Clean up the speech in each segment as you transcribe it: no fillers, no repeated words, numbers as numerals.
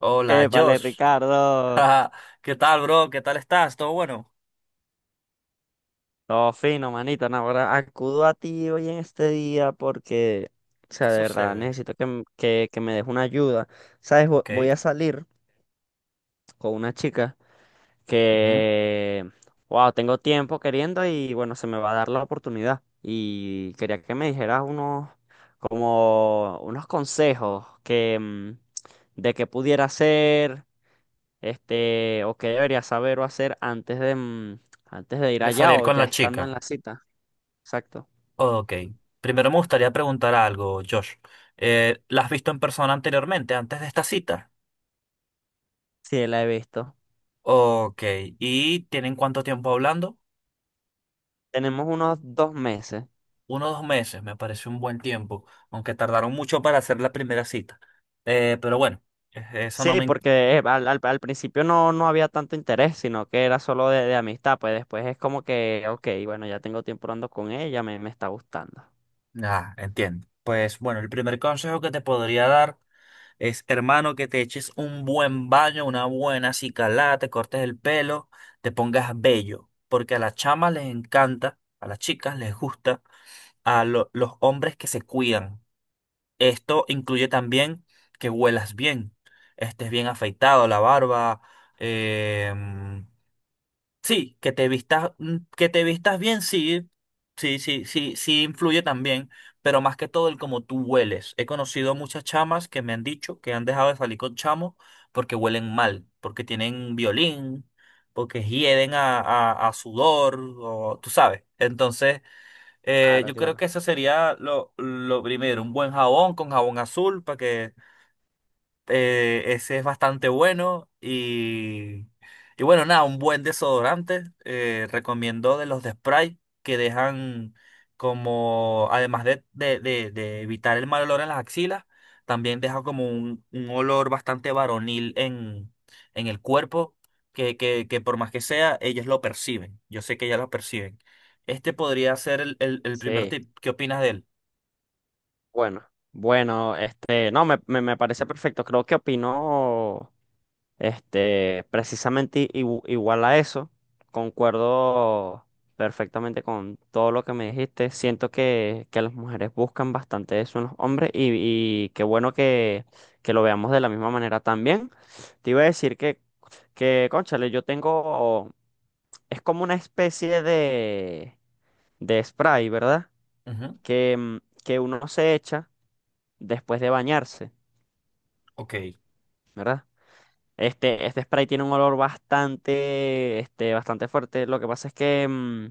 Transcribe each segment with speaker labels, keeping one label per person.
Speaker 1: Hola,
Speaker 2: Épale,
Speaker 1: Josh.
Speaker 2: Ricardo.
Speaker 1: ¿Qué tal, bro? ¿Qué tal estás? ¿Todo bueno?
Speaker 2: Todo fino, manito. No, ahora acudo a ti hoy en este día porque, o
Speaker 1: ¿Qué
Speaker 2: sea, de verdad,
Speaker 1: sucede?
Speaker 2: necesito que me des una ayuda. ¿Sabes?
Speaker 1: Ok.
Speaker 2: Voy a salir con una chica
Speaker 1: Ujú.
Speaker 2: que, wow, tengo tiempo queriendo y, bueno, se me va a dar la oportunidad. Y quería que me dijeras unos, como, unos consejos de qué pudiera hacer. Este, o qué debería saber o hacer antes de ir
Speaker 1: De
Speaker 2: allá
Speaker 1: salir
Speaker 2: o
Speaker 1: con
Speaker 2: ya
Speaker 1: la
Speaker 2: estando
Speaker 1: chica.
Speaker 2: en la cita. Exacto.
Speaker 1: Ok. Primero me gustaría preguntar algo, Josh. ¿La has visto en persona anteriormente, antes de esta cita?
Speaker 2: Sí, la he visto.
Speaker 1: Ok. ¿Y tienen cuánto tiempo hablando?
Speaker 2: Tenemos unos dos meses.
Speaker 1: Uno o dos meses, me parece un buen tiempo, aunque tardaron mucho para hacer la primera cita. Pero bueno, eso no
Speaker 2: Sí,
Speaker 1: me...
Speaker 2: porque al principio no, no había tanto interés, sino que era solo de amistad. Pues después es como que, ok, bueno, ya tengo tiempo hablando con ella, me está gustando.
Speaker 1: Ah, entiendo. Pues bueno, el primer consejo que te podría dar es, hermano, que te eches un buen baño, una buena acicalada, te cortes el pelo, te pongas bello. Porque a las chamas les encanta, a las chicas les gusta, a los hombres que se cuidan. Esto incluye también que huelas bien, estés bien afeitado, la barba, eh, sí, que te vistas, que te vistas bien, sí, influye también, pero más que todo el cómo tú hueles. He conocido muchas chamas que me han dicho que han dejado de salir con chamos porque huelen mal, porque tienen violín, porque hieden a sudor, o tú sabes. Entonces,
Speaker 2: Claro,
Speaker 1: yo creo que
Speaker 2: claro.
Speaker 1: eso sería lo primero, un buen jabón con jabón azul para que ese es bastante bueno y bueno, nada, un buen desodorante. Recomiendo de los de spray que dejan como, además de evitar el mal olor en las axilas, también deja como un olor bastante varonil en el cuerpo, que por más que sea, ellas lo perciben. Yo sé que ellas lo perciben. Este podría ser el primer
Speaker 2: Sí,
Speaker 1: tip. ¿Qué opinas de él?
Speaker 2: bueno. Bueno, este, no, me parece perfecto. Creo que opino. Este, precisamente igual a eso, concuerdo perfectamente con todo lo que me dijiste. Siento que las mujeres buscan bastante eso en los hombres y qué bueno que lo veamos de la misma manera también. Te iba a decir que, cónchale, yo tengo, es como una especie de spray, ¿verdad?
Speaker 1: Ujú.
Speaker 2: Que, mm, que uno se echa después de bañarse,
Speaker 1: Ok.
Speaker 2: ¿verdad? Este spray tiene un olor bastante, este, bastante fuerte. Lo que pasa es que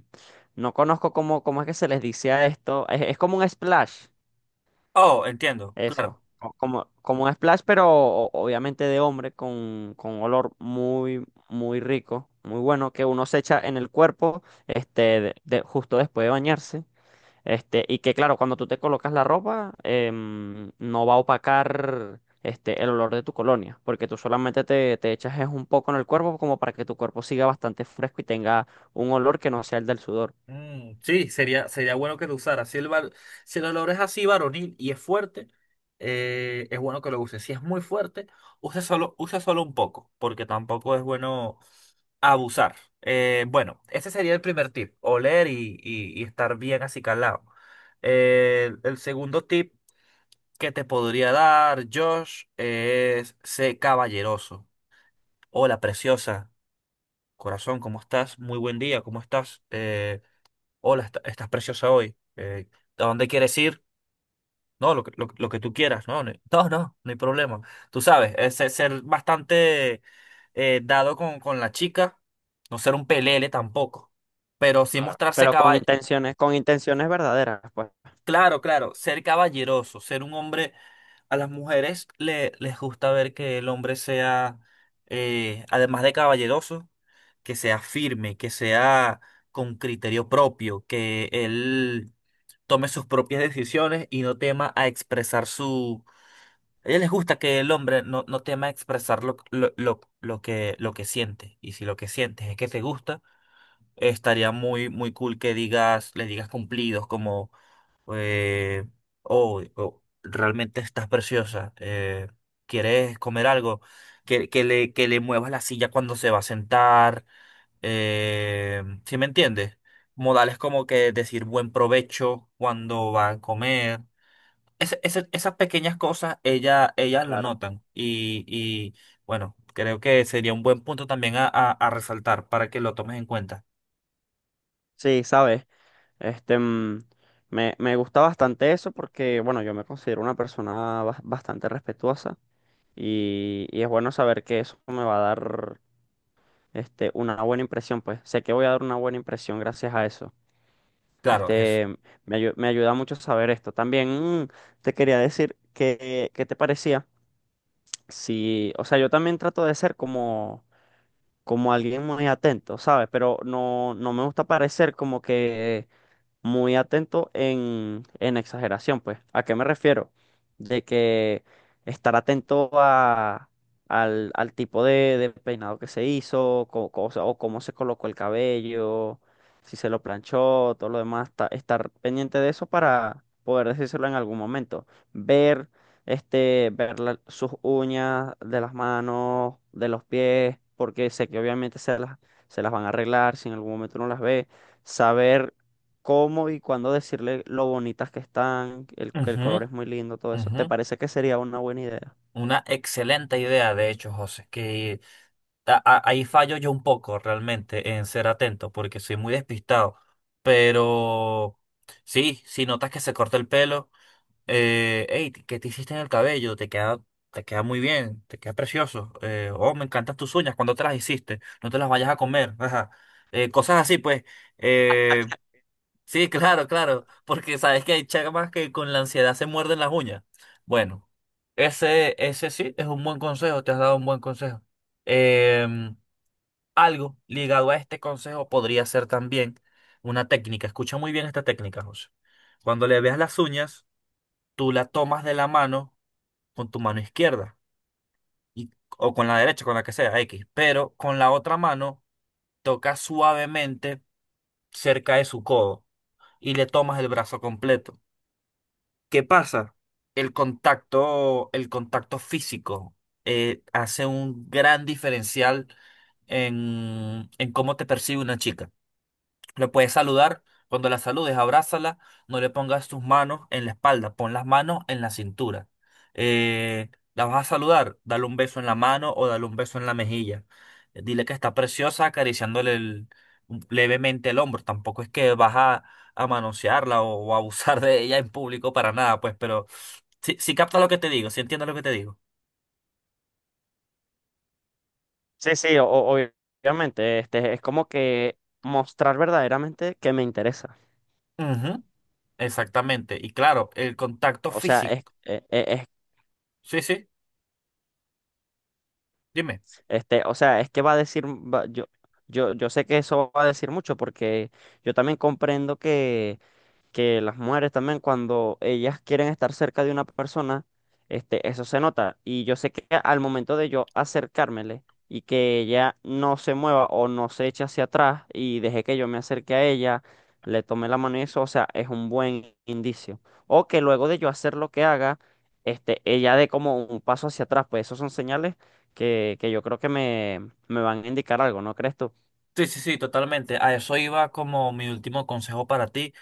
Speaker 2: no conozco cómo es que se les dice a esto. Es como un splash,
Speaker 1: Oh, entiendo, claro.
Speaker 2: eso. Como como un splash, pero obviamente de hombre, con olor muy, muy rico, muy bueno, que uno se echa en el cuerpo, este, justo después de bañarse. Este, y que claro, cuando tú te colocas la ropa, em, no va a opacar este, el olor de tu colonia, porque tú solamente te echas es un poco en el cuerpo como para que tu cuerpo siga bastante fresco y tenga un olor que no sea el del sudor.
Speaker 1: Mm, sí, sería bueno que lo usara. Si el olor es así varonil y es fuerte, es bueno que lo use. Si es muy fuerte, usa solo un poco, porque tampoco es bueno abusar. Bueno, ese sería el primer tip, oler y estar bien acicalado. El segundo tip que te podría dar, Josh, es sé caballeroso. Hola, preciosa. Corazón, ¿cómo estás? Muy buen día, ¿cómo estás? Hola, estás preciosa hoy. Eh, ¿a dónde quieres ir? No, lo que tú quieras. No hay problema. Tú sabes, es ser bastante dado con la chica, no ser un pelele tampoco, pero sí
Speaker 2: Claro,
Speaker 1: mostrarse
Speaker 2: pero
Speaker 1: cabal.
Speaker 2: con intenciones verdaderas, pues
Speaker 1: Claro, claro, ser caballeroso, ser un hombre... A las mujeres les gusta ver que el hombre sea, además de caballeroso, que sea firme, que sea con criterio propio, que él tome sus propias decisiones y no tema a expresar su... A ella les gusta que el hombre no tema a expresar lo que siente. Y si lo que sientes es que te gusta, estaría muy cool que digas, le digas cumplidos como, eh, oh, realmente estás preciosa. Eh, ¿quieres comer algo? Que le muevas la silla cuando se va a sentar. ¿Sí me entiendes? Modales como que decir buen provecho cuando va a comer, esas pequeñas cosas ellas lo
Speaker 2: claro.
Speaker 1: notan y bueno, creo que sería un buen punto también a, a resaltar para que lo tomes en cuenta.
Speaker 2: Sí, sabes, este, mm, me gusta bastante eso porque, bueno, yo me considero una persona bastante respetuosa y es bueno saber que eso me va a dar este, una buena impresión, pues sé que voy a dar una buena impresión gracias a eso.
Speaker 1: Claro, Jesús.
Speaker 2: Este, me ayuda mucho saber esto. También mm, te quería decir que, ¿qué te parecía? Sí, o sea, yo también trato de ser como, como alguien muy atento, ¿sabes? Pero no, no me gusta parecer como que muy atento en exageración, pues. ¿A qué me refiero? De que estar atento al al tipo de peinado que se hizo, o sea, o cómo se colocó el cabello, si se lo planchó, todo lo demás, estar pendiente de eso para poder decírselo en algún momento. Ver, este, ver sus uñas de las manos, de los pies, porque sé que obviamente se las van a arreglar, si en algún momento uno las ve, saber cómo y cuándo decirle lo bonitas que están, que el
Speaker 1: Ujú,
Speaker 2: color es muy lindo, todo eso.
Speaker 1: ujú.
Speaker 2: ¿Te parece que sería una buena idea?
Speaker 1: Una excelente idea, de hecho, José, que ahí fallo yo un poco realmente en ser atento porque soy muy despistado, pero sí, si notas que se corta el pelo. Hey, ¿qué te hiciste en el cabello? Te queda muy bien, te queda precioso. Oh, me encantan tus uñas, cuando te las hiciste? No te las vayas a comer. Ajá. Cosas así, pues. Eh, sí, claro, claro. Porque sabes que hay chamas que con la ansiedad se muerden las uñas. Bueno, ese sí es un buen consejo, te has dado un buen consejo. Em, Algo ligado a este consejo podría ser también una técnica. Escucha muy bien esta técnica, José. Cuando le veas las uñas tú la tomas de la mano con tu mano izquierda y, o con la derecha, con la que sea, X, pero con la otra mano tocas suavemente cerca de su codo y le tomas el brazo completo. ¿Qué pasa? El contacto físico hace un gran diferencial en cómo te percibe una chica. Le puedes saludar, cuando la saludes, abrázala, no le pongas tus manos en la espalda, pon las manos en la cintura. La vas a saludar, dale un beso en la mano o dale un beso en la mejilla. Dile que está preciosa acariciándole levemente el hombro. Tampoco es que vas a manosearla o abusar de ella en público para nada, pues, pero si capta lo que te digo, si entiendes lo que te digo.
Speaker 2: Sí, sí, obviamente, este, es como que mostrar verdaderamente que me interesa.
Speaker 1: Ujú, exactamente. Y claro, el contacto
Speaker 2: O sea,
Speaker 1: físico.
Speaker 2: es, e- e- es-
Speaker 1: Sí, sí, dime.
Speaker 2: este, o sea, es que va a decir, yo sé que eso va a decir mucho porque yo también comprendo que las mujeres también cuando ellas quieren estar cerca de una persona, este, eso se nota. Y yo sé que al momento de yo acercármele y que ella no se mueva o no se eche hacia atrás y deje que yo me acerque a ella, le tome la mano y eso, o sea, es un buen indicio. O que luego de yo hacer lo que haga, este, ella dé como un paso hacia atrás, pues esos son señales que yo creo que me van a indicar algo, ¿no crees tú?
Speaker 1: Sí, sí, sí, totalmente. A eso iba como mi último consejo para ti,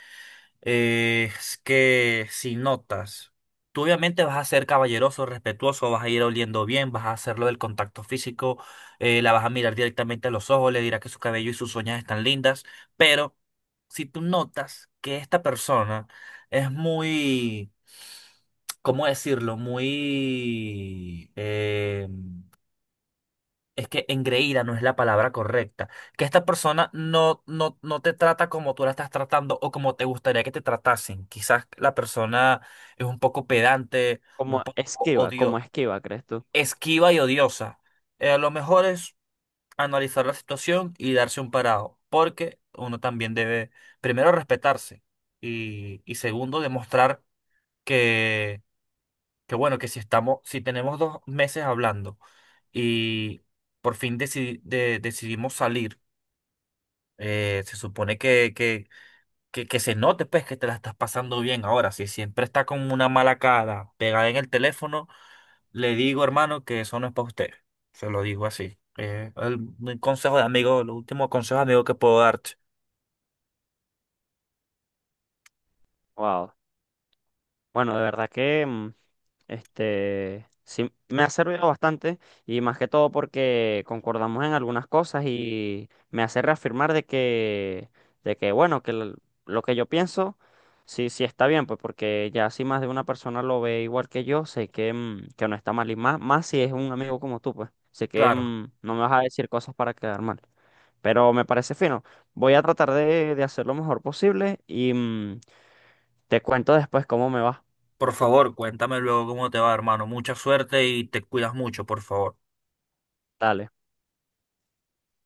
Speaker 1: es que si notas, tú obviamente vas a ser caballeroso, respetuoso, vas a ir oliendo bien, vas a hacerlo del contacto físico, la vas a mirar directamente a los ojos, le dirás que su cabello y sus uñas están lindas, pero si tú notas que esta persona es muy, ¿cómo decirlo? Muy... es que engreída no es la palabra correcta, que esta persona no te trata como tú la estás tratando o como te gustaría que te tratasen. Quizás la persona es un poco pedante, un poco
Speaker 2: Como
Speaker 1: odio,
Speaker 2: esquiva, ¿crees tú?
Speaker 1: esquiva y odiosa. Lo mejor es analizar la situación y darse un parado, porque uno también debe, primero, respetarse y segundo, demostrar que que bueno, que si estamos, si tenemos 2 meses hablando y por fin decidimos salir, se supone que se note pues que te la estás pasando bien ahora. Si siempre está con una mala cara pegada en el teléfono, le digo, hermano, que eso no es para usted. Se lo digo así. El consejo de amigo, el último consejo de amigo que puedo darte.
Speaker 2: Wow. Bueno, de verdad que mm, este, sí, me ha servido bastante y más que todo porque concordamos en algunas cosas y me hace reafirmar de que bueno, lo que yo pienso, sí, sí está bien, pues porque ya si más de una persona lo ve igual que yo, sé que, mm, que no está mal y más, más si es un amigo como tú, pues sé que
Speaker 1: Claro.
Speaker 2: mm, no me vas a decir cosas para quedar mal. Pero me parece fino. Voy a tratar de hacer lo mejor posible y mm, te cuento después cómo me va.
Speaker 1: Por favor, cuéntame luego cómo te va, hermano. Mucha suerte y te cuidas mucho, por favor.
Speaker 2: Dale.